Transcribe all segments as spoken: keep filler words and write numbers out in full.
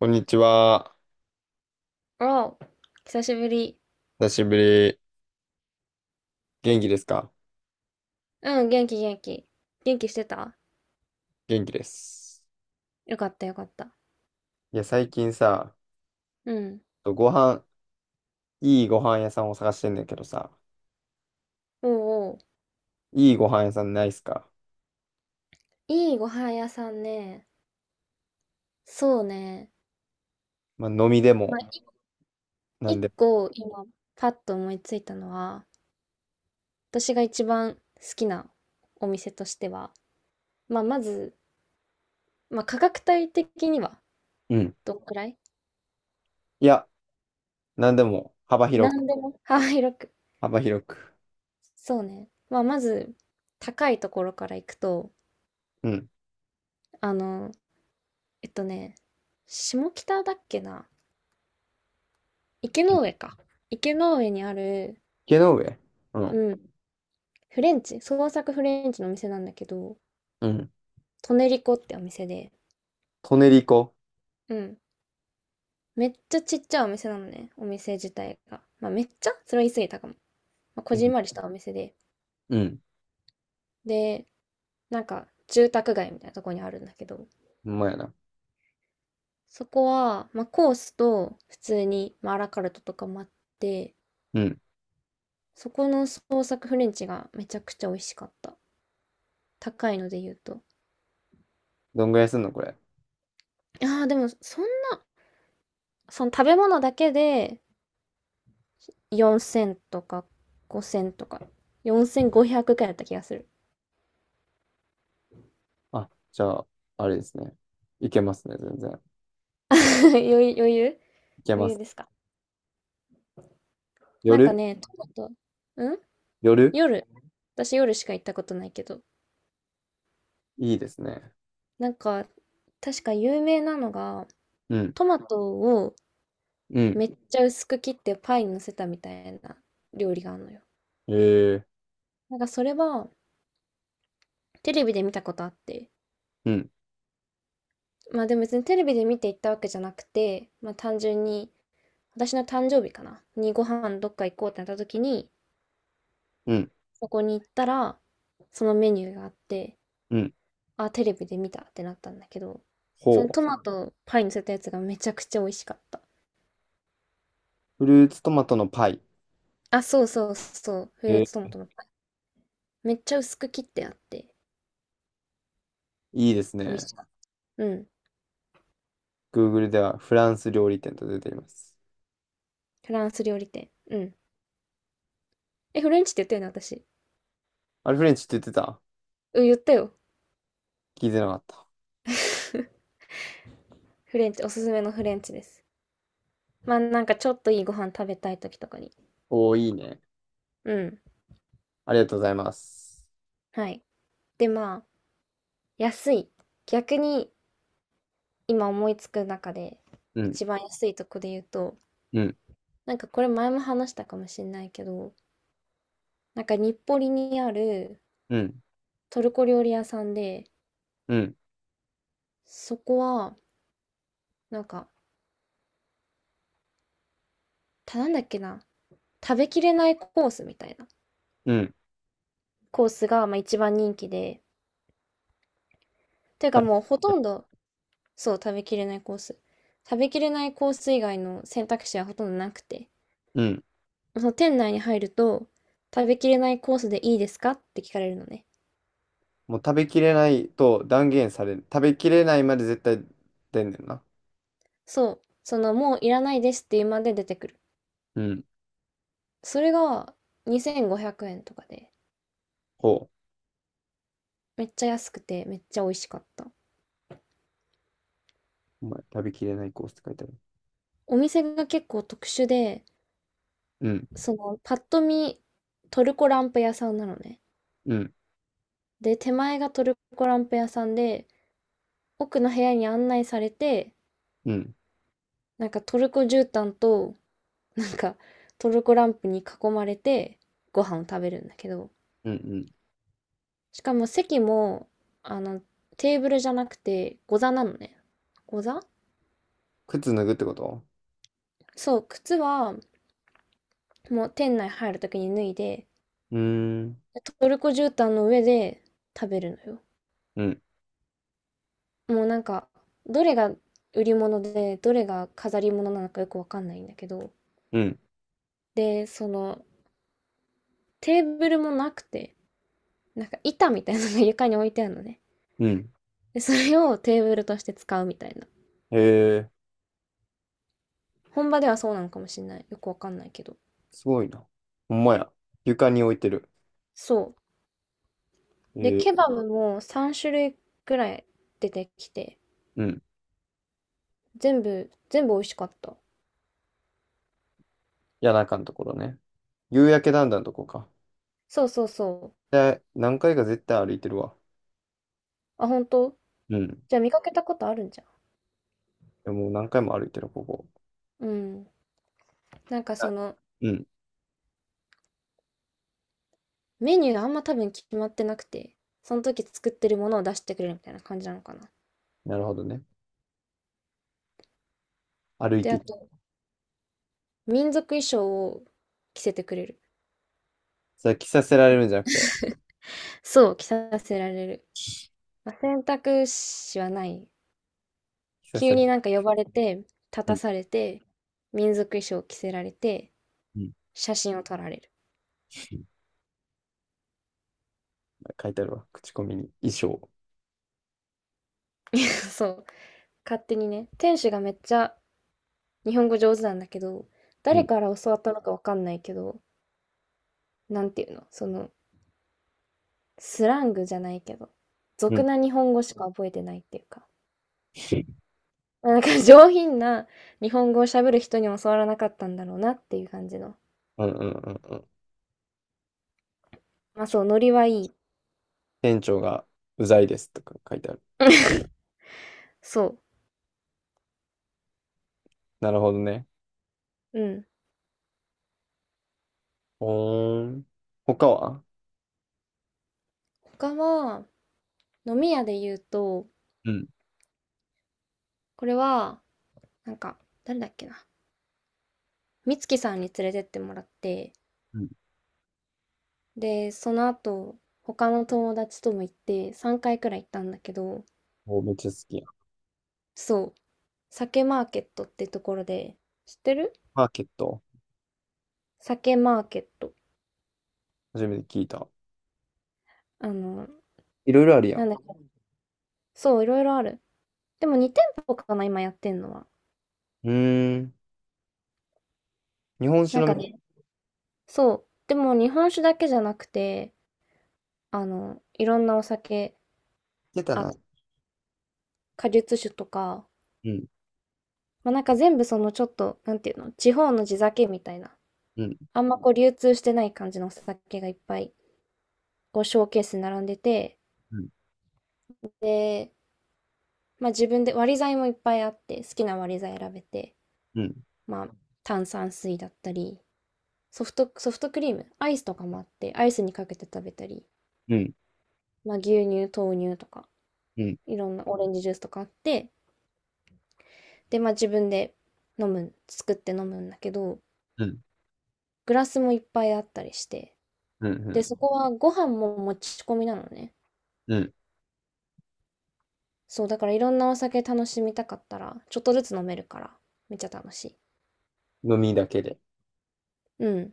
こんにちは。おう、久しぶり。久しぶり。元気ですか？うん、元気元気。元気してた？元気です。よかったよかった。いや、最近さ、うん。ご飯、いいご飯屋さんを探してんだけどさ、おうおう。いいご飯屋さんないっすか？いいご飯屋さんね。そうね。まあ、飲みでまも、あ、いなん一でも。個今、パッと思いついたのは、私が一番好きなお店としては、まあ、まず、まあ、価格帯的には、うん。どんくらい？いや、なんでも、幅広く、何でも幅広く。幅広く。そうね。まあ、まず、高いところから行くと、うん。あの、えっとね、下北だっけな？池の上か。池の上にある、池の上。うん。うん、フレンチ、創作フレンチのお店なんだけど、うん。トネリコってお店で、トネリコ。うん、めっちゃちっちゃいお店なのね、お店自体が。まあめっちゃそれは言い過ぎたかも。まあ、こうじんん。まりしたお店で。うん。で、なんか住宅街みたいなとこにあるんだけど、ほんまやな。そこは、まあコースと普通に、まあ、アラカルトとかもあって、うん。そこの創作フレンチがめちゃくちゃ美味しかった。高いので言うと。どんぐらいすんのこれ？ああ、でもそんその食べ物だけでよんせんとかごせんとか、よんせんごひゃくくくらいだった気がする。あ、じゃあ、あれですね。いけますね、全然。余裕余裕いけ余ま裕す。ですか？なんか夜。ね、トマト、ん夜。夜。私夜しか行ったことないけど。いいですね。なんか、確か有名なのが、うん。トマトをうん。めっちゃ薄く切ってパイに乗せたみたいな料理があるのよ。えー、なんかそれはテレビで見たことあって。うん、まあでも別にテレビで見て行ったわけじゃなくて、まあ単純に、私の誕生日かなにご飯どっか行こうってなった時に、うん、そこに行ったら、そのメニューがあって、うん。あ、テレビで見たってなったんだけど、そのほう。トマトパイにのせたやつがめちゃくちゃ美味しかった。フルーツトマトのパイ。あ、そうそうそう、フルえーツトマー、トのパイ。めっちゃ薄く切ってあって、いいです美味ね。しかった。うん。Google ではフランス料理店と出ています。フランス料理店。うん。え、フレンチって言ったよね、私。あれフレンチって言ってた？うん、言ったよ。聞いてなかった。フレンチ、おすすめのフレンチです。まあ、なんかちょっといいご飯食べたい時とかに。おー、いいね。うん。ありがとうございます。はい。で、まあ、安い。逆に今思いつく中で、うん、一番安いとこで言うと、うん、なんかこれ前も話したかもしれないけど、なんか日暮里にあるうん、トルコ料理屋さんで、うん、そこは、なんか、たなんだっけな、食べきれないコースみたいなうん。コースがまあ一番人気で、ていうかた。もうほとんど、そう、食べきれないコース。食べきれないコース以外の選択肢はほとんどなくて、うん。その店内に入ると、食べきれないコースでいいですかって聞かれるのね。もう食べきれないと断言される。食べきれないまで絶対出んねんな。そう、そのもういらないですっていうまで出てくる。うん。それがにせんごひゃくえんとかで。ほめっちゃ安くて、めっちゃ美味しかった。う。お前、食べきれないコースって書いてある。お店が結構特殊で、うん、その、パッと見、トルコランプ屋さんなのね。うん、で、手前がトルコランプ屋さんで、奥の部屋に案内されて、うん、なんかトルコ絨毯と、なんかトルコランプに囲まれて、ご飯を食べるんだけど、うん、うん。しかも席も、あの、テーブルじゃなくて、ご座なのね。ご座？靴脱ぐってこと？そう、靴は、もう店内入るときに脱いで、うーん、トルコ絨毯の上で食べるのよ。うん、もうなんか、どれが売り物で、どれが飾り物なのかよくわかんないんだけど、うん、で、その、テーブルもなくて、なんか板みたいなのが床に置いてあるのね。うん。で、それをテーブルとして使うみたいな。へえ、本場ではそうなのかもしれない。よくわかんないけど。すごいな。ほんまや。床に置いてる。そえう。で、ケー、バブもさん種類くらい出てきて、うん。全部、全部美味しかった。谷中のところね。夕焼けだんだんのとこか。そうそうそう。で、何回か絶対歩いてるわ。あ、本当？うん。いじゃあ見かけたことあるんじゃやもう何回も歩いてる、ここ。ん。うん。なんかそあ、の、うん。メニューあんま多分決まってなくて、その時作ってるものを出してくれるみたいな感じなのかな。なるほどね。歩いで、てあい、と、民族衣装を着せてくれる。それ着させられるんじゃなくて、そう、着させられる。まあ、選択肢はない。着さ急せられにる。なんか呼ばれて、立うたん。されて、民族衣装を着せられて、うん。写真を撮られる。書いてあるわ。口コミに。衣装。そう。勝手にね、店主がめっちゃ日本語上手なんだけど、う誰ん。から教わったのかわかんないけど、なんていうの、その、スラングじゃないけど、う俗ん。な日本語しか覚えてないっていうか、まあなんか上品な日本語を喋る人にも教わらなかったんだろうなっていう感じの。うんうんうんうん。まあそう、ノリはいい。店長がうざいですとか書いてある。そなるほどね。う。うん。ほーん。他は？他は、飲み屋で言うと、うん。これは、なんか、誰だっけな。美月さんに連れてってもらって、で、その後、他の友達とも行ってさんかいくらい行ったんだけど、お、めっちゃ好きやん。そう、酒マーケットってところで、知ってる？マーケット、酒マーケット。初めて聞いた。あの、いろいろあるやなんん。だっそう、いろいろある。でもに店舗かな、今やってんのは。うーん。日本酒なんのか店、ね、そう。でも日本酒だけじゃなくて、あの、いろんなお酒、出たあ、な。果実酒とか、うん、まあ、なんか全部そのちょっと、なんていうの、地方の地酒みたいな、うん、あんまこう流通してない感じのお酒がいっぱい、こうショーケースに並んでて、うん、で、まあ自分で割り剤もいっぱいあって、好きな割り剤選べて、うん、まあ炭酸水だったり、ソフト、ソフトクリーム、アイスとかもあって、アイスにかけて食べたり、うん、まあ、牛乳、豆乳とか、うん、うん、いろんなオレンジジュースとかあって、で、まあ、自分で飲む、作って飲むんだけど、うん、グラスもいっぱいあったりして、うで、ん。そこはご飯も持ち込みなのね。うん。そう、だからいろんなお酒楽しみたかったら、ちょっとずつ飲めるから、めっちゃ楽しい。飲みだけで。うん。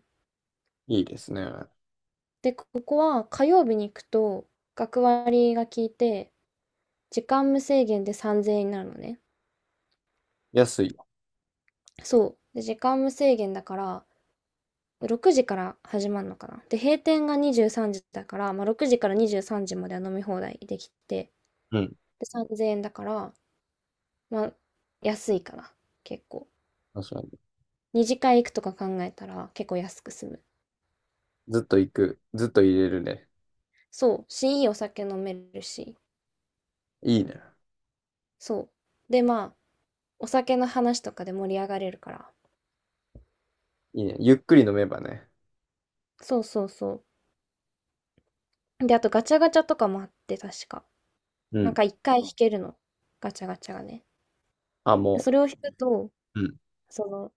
いいですね。で、ここは火曜日に行くと、学割が効いて、時間無制限でさんぜんえんになるのね。安いよ。そう。で、時間無制限だから、ろくじから始まるのかな。で、閉店がにじゅうさんじだから、まあ、ろくじからにじゅうさんじまでは飲み放題できて、うん。で、さんぜんえんだから、まあ、安いかな、結構。確かに。二次会行くとか考えたら結構安く済む。ずっと行く。ずっと入れるね。そう、し、いいお酒飲めるし、いいね。そう。で、まあ、お酒の話とかで盛り上がれるから。いいね。ゆっくり飲めばね。そうそうそう。で、あとガチャガチャとかもあって、確か。うなんん。か一回引けるの。ガチャガチャがね。あ、で、もそれを引くと、う。うん。その、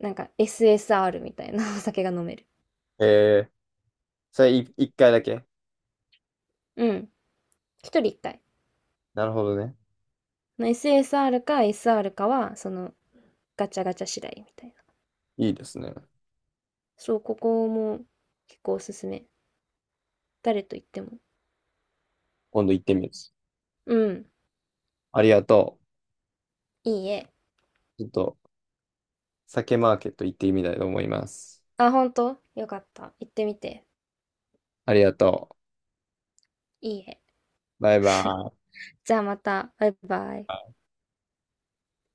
なんか エスエスアール みたいなお酒が飲める。えー、それい一回だけ。うん。一人一回。なるほどね。の エスエスアール か エスアール かは、そのガチャガチャ次第みたいな。いいですね。そう、ここも結構おすすめ。誰と行っても今度行って楽みる。しい。うん。ありがといいえ。う。ちょっと、酒マーケット行ってみたいと思います。あ、ほんとよかった。行ってみて。ありがといいえ。う。バイバイ。じゃあまた。バイバイ。